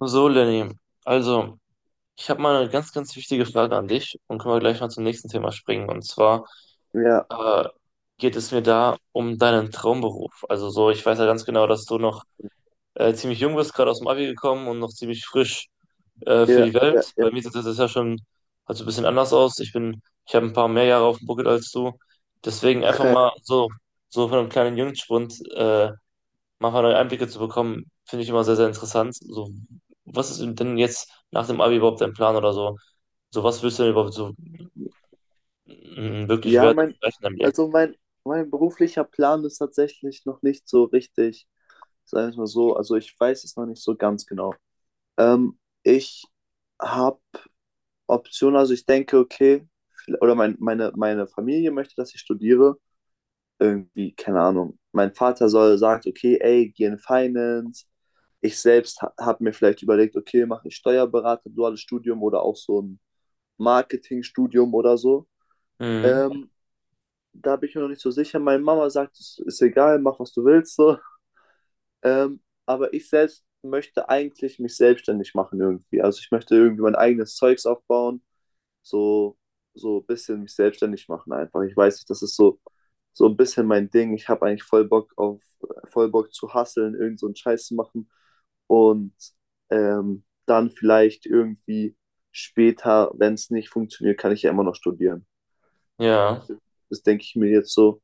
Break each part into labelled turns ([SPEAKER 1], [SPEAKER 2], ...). [SPEAKER 1] So, Lenny, also ich habe mal eine ganz, ganz wichtige Frage an dich und können wir gleich mal zum nächsten Thema springen. Und zwar
[SPEAKER 2] Ja,
[SPEAKER 1] äh, geht es mir da um deinen Traumberuf. Also so, ich weiß ja ganz genau, dass du noch ziemlich jung bist, gerade aus dem Abi gekommen und noch ziemlich frisch für
[SPEAKER 2] ja,
[SPEAKER 1] die
[SPEAKER 2] ja,
[SPEAKER 1] Welt.
[SPEAKER 2] ja.
[SPEAKER 1] Bei mir sieht das jetzt ja schon also ein bisschen anders aus. Ich habe ein paar mehr Jahre auf dem Buckel als du. Deswegen einfach mal so, so von einem kleinen Jungspund manchmal neue Einblicke zu bekommen, finde ich immer sehr, sehr interessant. So, was ist denn jetzt nach dem Abi überhaupt dein Plan oder so? So, was willst du denn überhaupt so wirklich
[SPEAKER 2] Ja,
[SPEAKER 1] werden
[SPEAKER 2] mein,
[SPEAKER 1] und erreichen im Leben?
[SPEAKER 2] also mein, Mein beruflicher Plan ist tatsächlich noch nicht so richtig, sagen wir es mal so. Also ich weiß es noch nicht so ganz genau. Ich habe Optionen, also ich denke, okay, oder meine Familie möchte, dass ich studiere. Irgendwie, keine Ahnung. Mein Vater soll sagt, okay, ey, geh in Finance. Ich selbst ha habe mir vielleicht überlegt, okay, mache ich Steuerberater, duales Studium oder auch so ein Marketingstudium oder so.
[SPEAKER 1] Mhm,
[SPEAKER 2] Ähm, Da bin ich mir noch nicht so sicher. Meine Mama sagt, es ist egal, mach was du willst so. Ähm, aber ich selbst möchte eigentlich mich selbstständig machen irgendwie. Also ich möchte irgendwie mein eigenes Zeugs aufbauen, so ein bisschen mich selbstständig machen einfach. Ich weiß nicht, das ist so ein bisschen mein Ding. Ich habe eigentlich voll Bock zu hustlen, irgend so einen Scheiß zu machen und dann vielleicht irgendwie später, wenn es nicht funktioniert, kann ich ja immer noch studieren.
[SPEAKER 1] ja.
[SPEAKER 2] Das denke ich mir jetzt so.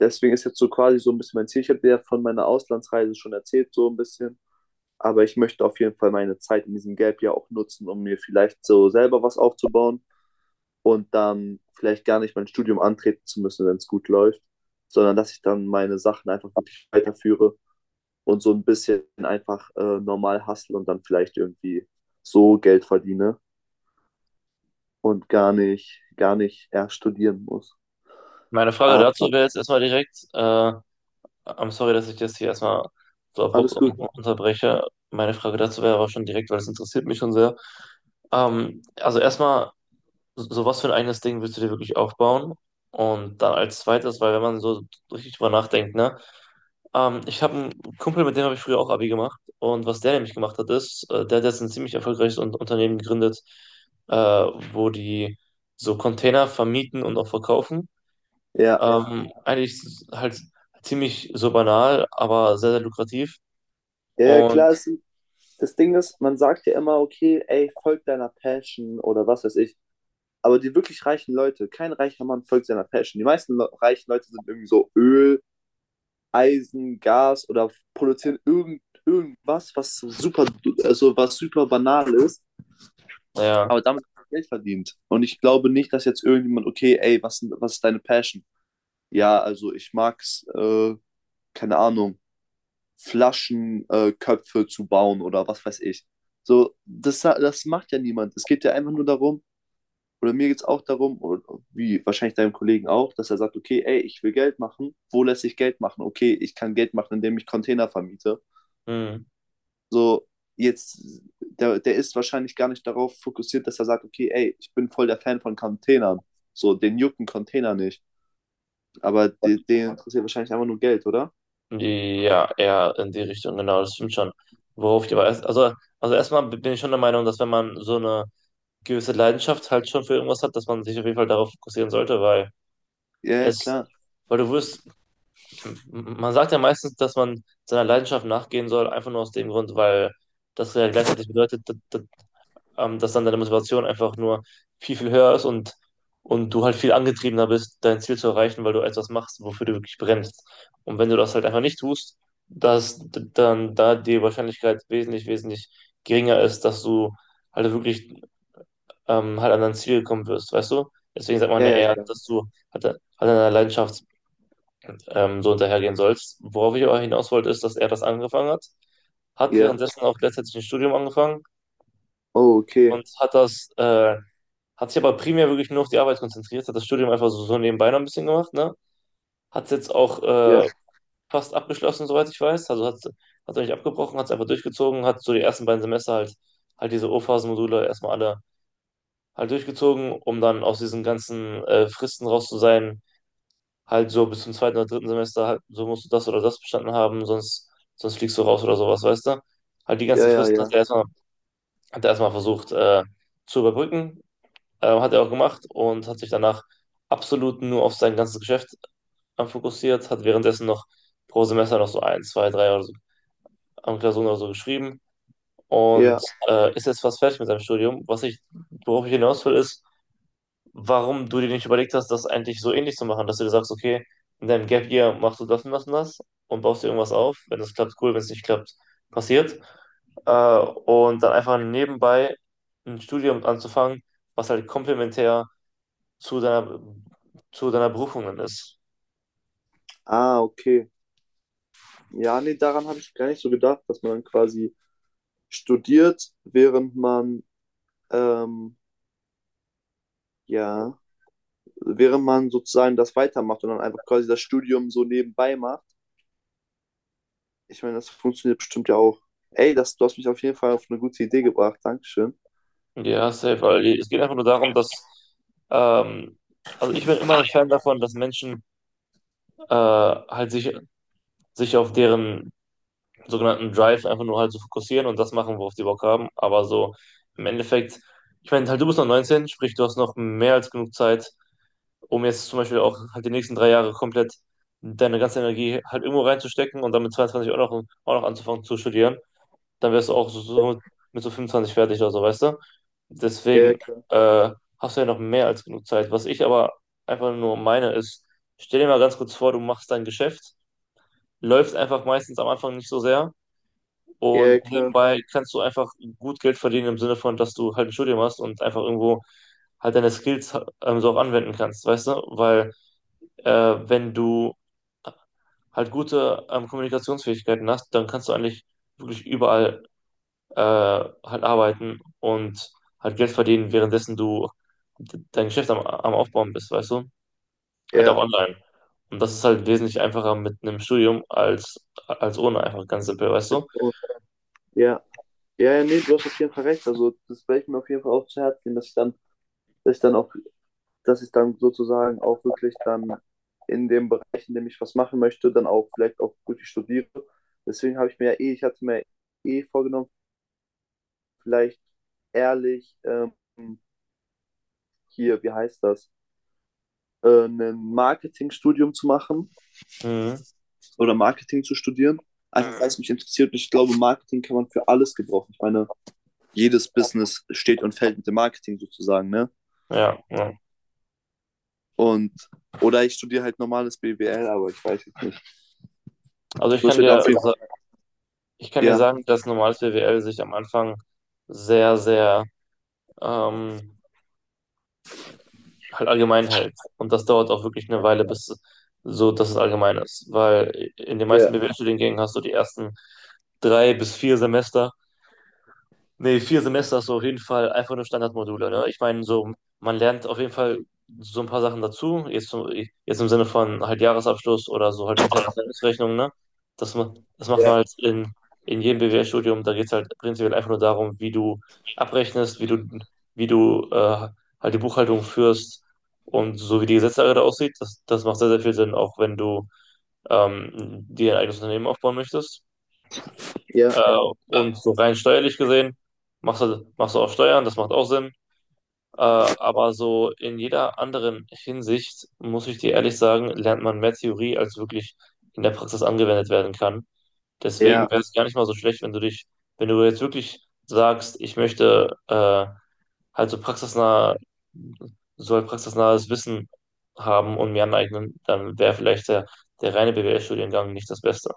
[SPEAKER 2] Deswegen ist jetzt so quasi so ein bisschen mein Ziel. Ich habe ja von meiner Auslandsreise schon erzählt, so ein bisschen. Aber ich möchte auf jeden Fall meine Zeit in diesem Gap ja auch nutzen, um mir vielleicht so selber was aufzubauen und dann vielleicht gar nicht mein Studium antreten zu müssen, wenn es gut läuft, sondern dass ich dann meine Sachen einfach wirklich weiterführe und so ein bisschen einfach normal hustle und dann vielleicht irgendwie so Geld verdiene und gar nicht erst studieren muss.
[SPEAKER 1] Meine Frage dazu
[SPEAKER 2] Aber
[SPEAKER 1] wäre jetzt erstmal direkt, I'm sorry, dass ich das hier erstmal so abrupt
[SPEAKER 2] alles gut.
[SPEAKER 1] unterbreche. Meine Frage dazu wäre aber schon direkt, weil es interessiert mich schon sehr. Also erstmal, so, so was für ein eigenes Ding willst du dir wirklich aufbauen? Und dann als zweites, weil wenn man so richtig drüber nachdenkt, ne? Ich habe einen Kumpel, mit dem habe ich früher auch Abi gemacht. Und was der nämlich gemacht hat, ist, der hat jetzt ein ziemlich erfolgreiches Un Unternehmen gegründet, wo die so Container vermieten und auch verkaufen.
[SPEAKER 2] Ja,
[SPEAKER 1] Ja. Eigentlich ist es halt ziemlich so banal, aber sehr, sehr lukrativ.
[SPEAKER 2] ja
[SPEAKER 1] Und
[SPEAKER 2] klar, es sind das Ding ist, man sagt ja immer, okay, ey, folg deiner Passion oder was weiß ich. Aber die wirklich reichen Leute, kein reicher Mann folgt seiner Passion. Die meisten Le reichen Leute sind irgendwie so Öl, Eisen, Gas oder produzieren irgendwas, was so super, also was super banal ist,
[SPEAKER 1] naja,
[SPEAKER 2] aber damit wird Geld verdient. Und ich glaube nicht, dass jetzt irgendjemand, okay, ey, was, was ist deine Passion? Ja, also ich mag's, keine Ahnung, Flaschenköpfe zu bauen oder was weiß ich. So, das macht ja niemand. Es geht ja einfach nur darum, oder mir geht es auch darum, oder wie wahrscheinlich deinem Kollegen auch, dass er sagt, okay, ey, ich will Geld machen. Wo lässt sich Geld machen? Okay, ich kann Geld machen, indem ich Container vermiete.
[SPEAKER 1] hm.
[SPEAKER 2] So, jetzt, der ist wahrscheinlich gar nicht darauf fokussiert, dass er sagt, okay, ey, ich bin voll der Fan von Containern. So, den jucken Container nicht. Aber den interessiert wahrscheinlich einfach nur Geld, oder?
[SPEAKER 1] Ja, eher in die Richtung, genau, das stimmt schon. Worauf ich aber erst, Also erstmal bin ich schon der Meinung, dass wenn man so eine gewisse Leidenschaft halt schon für irgendwas hat, dass man sich auf jeden Fall darauf fokussieren sollte,
[SPEAKER 2] Ja, ja,
[SPEAKER 1] es,
[SPEAKER 2] klar.
[SPEAKER 1] weil m- man sagt ja meistens, dass man seiner Leidenschaft nachgehen soll, einfach nur aus dem Grund, weil das ja gleichzeitig bedeutet, dass dann deine Motivation einfach nur viel, viel höher ist und du halt viel angetriebener bist, dein Ziel zu erreichen, weil du etwas machst, wofür du wirklich brennst. Und wenn du das halt einfach nicht tust, dass dann da die Wahrscheinlichkeit wesentlich, wesentlich geringer ist, dass du halt wirklich halt an dein Ziel gekommen wirst, weißt du? Deswegen sagt man
[SPEAKER 2] Ja,
[SPEAKER 1] ja
[SPEAKER 2] ja,
[SPEAKER 1] eher,
[SPEAKER 2] klar.
[SPEAKER 1] dass du halt an deiner Leidenschaft so hinterhergehen sollst. Worauf ich aber hinaus wollte, ist, dass er das angefangen hat, hat
[SPEAKER 2] Ja.
[SPEAKER 1] währenddessen auch gleichzeitig ein Studium angefangen
[SPEAKER 2] Oh, okay.
[SPEAKER 1] und hat sich aber primär wirklich nur auf die Arbeit konzentriert, hat das Studium einfach so, so nebenbei noch ein bisschen gemacht, ne? Hat es jetzt auch
[SPEAKER 2] Ja.
[SPEAKER 1] fast abgeschlossen, soweit ich weiß. Also hat es nicht abgebrochen, hat es einfach durchgezogen, hat so die ersten beiden Semester halt diese O-Phasen-Module erstmal alle halt durchgezogen, um dann aus diesen ganzen Fristen raus zu sein. Halt so bis zum zweiten oder dritten Semester, halt, so musst du das oder das bestanden haben, sonst fliegst du raus oder sowas, weißt du? Halt die
[SPEAKER 2] Ja,
[SPEAKER 1] ganzen
[SPEAKER 2] ja,
[SPEAKER 1] Fristen
[SPEAKER 2] ja.
[SPEAKER 1] hat er erstmal, Hat er erstmal versucht zu überbrücken. Hat er auch gemacht und hat sich danach absolut nur auf sein ganzes Geschäft fokussiert, hat währenddessen noch pro Semester noch so ein, zwei, drei oder so, an Klausuren oder so geschrieben und
[SPEAKER 2] Ja.
[SPEAKER 1] ist jetzt fast fertig mit seinem Studium. Worauf ich hinaus will, ist, warum du dir nicht überlegt hast, das eigentlich so ähnlich zu machen, dass du dir sagst, okay, in deinem Gap Year machst du das und das und das und baust dir irgendwas auf. Wenn das klappt, cool, wenn es nicht klappt, passiert. Und dann einfach nebenbei ein Studium anzufangen, was halt komplementär zu deiner, zu deiner Berufung dann ist.
[SPEAKER 2] Ah, okay. Ja, nee, daran habe ich gar nicht so gedacht, dass man dann quasi studiert, während ähm, ja, während man sozusagen das weitermacht und dann einfach quasi das Studium so nebenbei macht. Ich meine, das funktioniert bestimmt ja auch. Ey, das, du hast mich auf jeden Fall auf eine gute Idee gebracht. Dankeschön.
[SPEAKER 1] Ja, safe, weil es geht einfach nur darum, dass, ähm, also ich bin immer ein Fan davon, dass Menschen halt sich auf deren sogenannten Drive einfach nur halt so fokussieren und das machen, worauf die Bock haben. Aber so im Endeffekt, ich meine, halt du bist noch 19, sprich, du hast noch mehr als genug Zeit, um jetzt zum Beispiel auch halt die nächsten drei Jahre komplett deine ganze Energie halt irgendwo reinzustecken und dann mit 22 auch noch anzufangen zu studieren. Dann wärst du auch so, so mit so 25 fertig oder so, weißt du?
[SPEAKER 2] Ja, ja,
[SPEAKER 1] Deswegen
[SPEAKER 2] klar.
[SPEAKER 1] äh, hast du ja noch mehr als genug Zeit. Was ich aber einfach nur meine ist, stell dir mal ganz kurz vor, du machst dein Geschäft, läufst einfach meistens am Anfang nicht so sehr
[SPEAKER 2] Ja,
[SPEAKER 1] und
[SPEAKER 2] ja, klar.
[SPEAKER 1] nebenbei kannst du einfach gut Geld verdienen im Sinne von, dass du halt ein Studium hast und einfach irgendwo halt deine Skills so auch anwenden kannst, weißt du? Weil äh, wenn du halt gute Kommunikationsfähigkeiten hast, dann kannst du eigentlich wirklich überall äh, halt arbeiten und halt Geld verdienen, währenddessen du dein Geschäft am, am Aufbauen bist, weißt du? Halt auch
[SPEAKER 2] Ja.
[SPEAKER 1] online. Und das ist halt wesentlich einfacher mit einem Studium als, als ohne, einfach ganz simpel, weißt du?
[SPEAKER 2] Und, ja. Ja, ja, nee, du hast auf jeden Fall recht. Also, das werde ich mir auf jeden Fall auch zu Herzen nehmen, dass ich dann auch dass ich dann sozusagen auch wirklich dann in dem Bereich, in dem ich was machen möchte, dann auch vielleicht auch wirklich studiere. Deswegen habe ich mir ja eh, ich hatte mir eh vorgenommen, vielleicht ehrlich hier, wie heißt das, ein Marketingstudium zu machen
[SPEAKER 1] Mhm.
[SPEAKER 2] oder Marketing zu studieren. Einfach weil es mich interessiert ich glaube, Marketing kann man für alles gebrauchen. Ich meine, jedes Business steht und fällt mit dem Marketing sozusagen, ne?
[SPEAKER 1] Ja, ja.
[SPEAKER 2] Und, oder ich studiere halt normales BWL, aber ich weiß jetzt nicht.
[SPEAKER 1] Also
[SPEAKER 2] Ich
[SPEAKER 1] ich
[SPEAKER 2] muss
[SPEAKER 1] kann
[SPEAKER 2] mir da
[SPEAKER 1] dir,
[SPEAKER 2] auf jeden
[SPEAKER 1] sa-
[SPEAKER 2] Fall,
[SPEAKER 1] Ich kann dir
[SPEAKER 2] ja.
[SPEAKER 1] sagen, dass normales BWL sich am Anfang sehr, sehr ähm, halt allgemein hält. Und das dauert auch wirklich eine Weile, bis so, dass es allgemein ist. Weil in den meisten
[SPEAKER 2] Ja,
[SPEAKER 1] BWL-Studiengängen hast du die ersten drei bis vier Semester. Nee, vier Semester ist so auf jeden Fall einfach nur Standardmodule, ne? Ich meine, so, man lernt auf jeden Fall so ein paar Sachen dazu, jetzt, jetzt im Sinne von halt Jahresabschluss oder so halt interne Abteilungsrechnung, ne? Das macht man
[SPEAKER 2] ja,
[SPEAKER 1] halt in jedem BWL-Studium, da geht es halt prinzipiell einfach nur darum, wie du abrechnest, wie du halt die Buchhaltung führst und so wie die Gesetzlage da aussieht, das macht sehr, sehr viel Sinn, auch wenn du ähm, dir ein eigenes Unternehmen aufbauen möchtest.
[SPEAKER 2] ja,
[SPEAKER 1] Äh, und so rein steuerlich gesehen machst du auch Steuern, das macht auch Sinn. Aber so in jeder anderen Hinsicht, muss ich dir ehrlich sagen, lernt man mehr Theorie, als wirklich in der Praxis angewendet werden kann. Deswegen
[SPEAKER 2] ja,
[SPEAKER 1] wäre es gar nicht mal so schlecht, wenn du jetzt wirklich sagst, ich möchte halt so praxisnah, so halt praxisnahes Wissen haben und mir aneignen, dann wäre vielleicht der reine BWL-Studiengang nicht das Beste.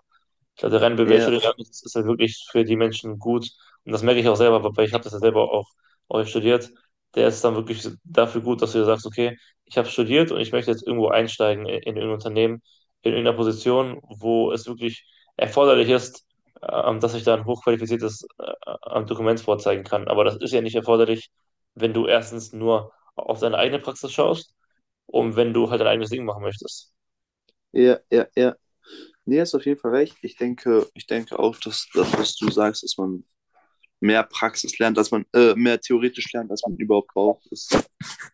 [SPEAKER 1] Ich glaube, der reine
[SPEAKER 2] ja,
[SPEAKER 1] Bachelorgang ist halt wirklich für die Menschen gut. Und das merke ich auch selber, weil ich habe das ja selber auch, auch studiert. Der ist dann wirklich dafür gut, dass du dir sagst, okay, ich habe studiert und ich möchte jetzt irgendwo einsteigen in irgendein Unternehmen, in irgendeiner Position, wo es wirklich erforderlich ist, dass ich da ein hochqualifiziertes Dokument vorzeigen kann. Aber das ist ja nicht erforderlich, wenn du erstens nur auf deine eigene Praxis schaust und wenn du halt dein eigenes Ding machen möchtest.
[SPEAKER 2] ja, ja, ja. Nee, hast auf jeden Fall recht. Ich denke, dass das, was du sagst, dass man mehr Praxis lernt, dass man mehr theoretisch lernt, als man überhaupt braucht, ist,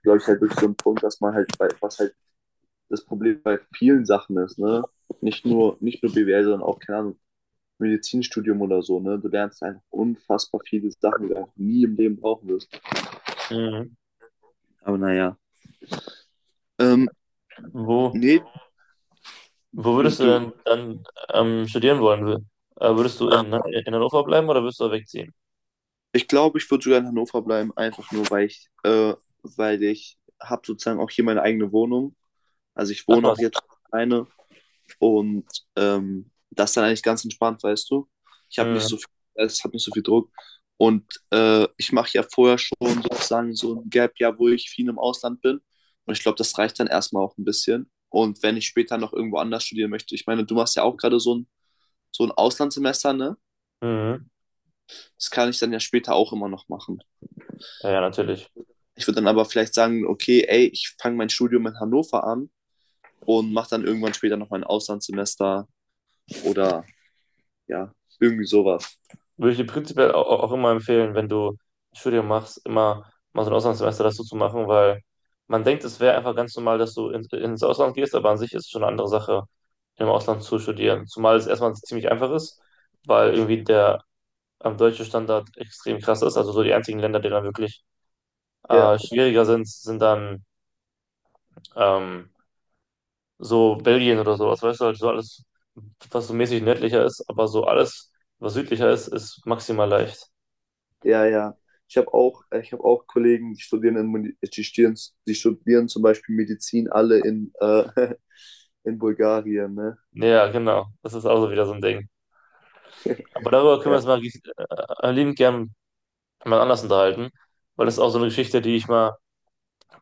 [SPEAKER 2] glaube ich, halt wirklich so ein Punkt, dass man halt, bei, was halt das Problem bei vielen Sachen ist, ne? Nicht nur BWL, sondern auch, keine Ahnung, Medizinstudium oder so, ne? Du lernst einfach unfassbar viele Sachen, die du einfach nie im Leben brauchen wirst.
[SPEAKER 1] Mhm.
[SPEAKER 2] Aber naja. Ähm,
[SPEAKER 1] Wo,
[SPEAKER 2] nee,
[SPEAKER 1] Wo würdest du
[SPEAKER 2] du,
[SPEAKER 1] denn dann studieren wollen? Würdest du in, ne, in Hannover bleiben oder würdest du wegziehen?
[SPEAKER 2] ich glaube, ich würde sogar in Hannover bleiben, einfach nur, weil ich habe sozusagen auch hier meine eigene Wohnung. Also ich
[SPEAKER 1] Ach
[SPEAKER 2] wohne auch
[SPEAKER 1] was.
[SPEAKER 2] jetzt alleine und das ist dann eigentlich ganz entspannt, weißt du. Ich habe nicht
[SPEAKER 1] Mhm.
[SPEAKER 2] so viel Stress, ich habe nicht so viel Druck. Und ich mache ja vorher schon sozusagen so ein Gap-Jahr, wo ich viel im Ausland bin. Und ich glaube, das reicht dann erstmal auch ein bisschen. Und wenn ich später noch irgendwo anders studieren möchte, ich meine, du machst ja auch gerade so ein, Auslandssemester, ne?
[SPEAKER 1] Mhm.
[SPEAKER 2] Das kann ich dann ja später auch immer noch machen.
[SPEAKER 1] Ja, ja, natürlich.
[SPEAKER 2] Ich würde dann aber vielleicht sagen, okay, ey, ich fange mein Studium in Hannover an und mache dann irgendwann später noch mein Auslandssemester oder ja, irgendwie sowas.
[SPEAKER 1] Würde ich dir prinzipiell auch, auch immer empfehlen, wenn du ein Studium machst, immer mal so ein Auslandssemester dazu zu machen, weil man denkt, es wäre einfach ganz normal, dass du in, ins Ausland gehst, aber an sich ist es schon eine andere Sache, im Ausland zu studieren. Zumal es erstmal ziemlich einfach ist, weil irgendwie der deutsche Standard extrem krass ist. Also so die einzigen Länder, die dann wirklich
[SPEAKER 2] Ja,
[SPEAKER 1] schwieriger sind, sind dann. Ähm, so Belgien oder sowas, weißt du, halt so alles, was so mäßig nördlicher ist, aber so alles, was südlicher ist, ist maximal leicht.
[SPEAKER 2] ja, ja. Ich habe auch Kollegen, die studieren zum Beispiel Medizin alle in Bulgarien, ne?
[SPEAKER 1] Ja, genau, das ist auch so wieder so ein Ding. Aber darüber können wir
[SPEAKER 2] Ja,
[SPEAKER 1] uns mal liebend gern mal anders unterhalten, weil das ist auch so eine Geschichte, die ich mal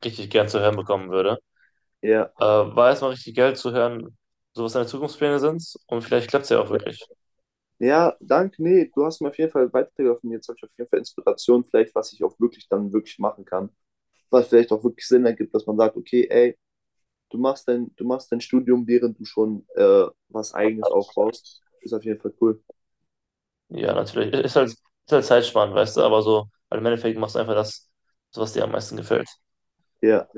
[SPEAKER 1] richtig gern zu hören bekommen würde.
[SPEAKER 2] ja,
[SPEAKER 1] War erstmal richtig geil zu hören, so was deine Zukunftspläne sind und vielleicht klappt es ja auch
[SPEAKER 2] ja.
[SPEAKER 1] wirklich.
[SPEAKER 2] Ja, danke, nee, du hast mir auf jeden Fall weitergeholfen. Jetzt habe ich auf jeden Fall Inspiration, vielleicht, was ich auch wirklich dann wirklich machen kann. Was vielleicht auch wirklich Sinn ergibt, dass man sagt, okay, ey, du machst dein Studium, während du schon was Eigenes aufbaust. Ist auf jeden Fall cool.
[SPEAKER 1] Ja, natürlich. Ist halt zeitspannend, weißt du, aber so, weil im Endeffekt machst du einfach das, was dir am meisten gefällt.
[SPEAKER 2] Ja.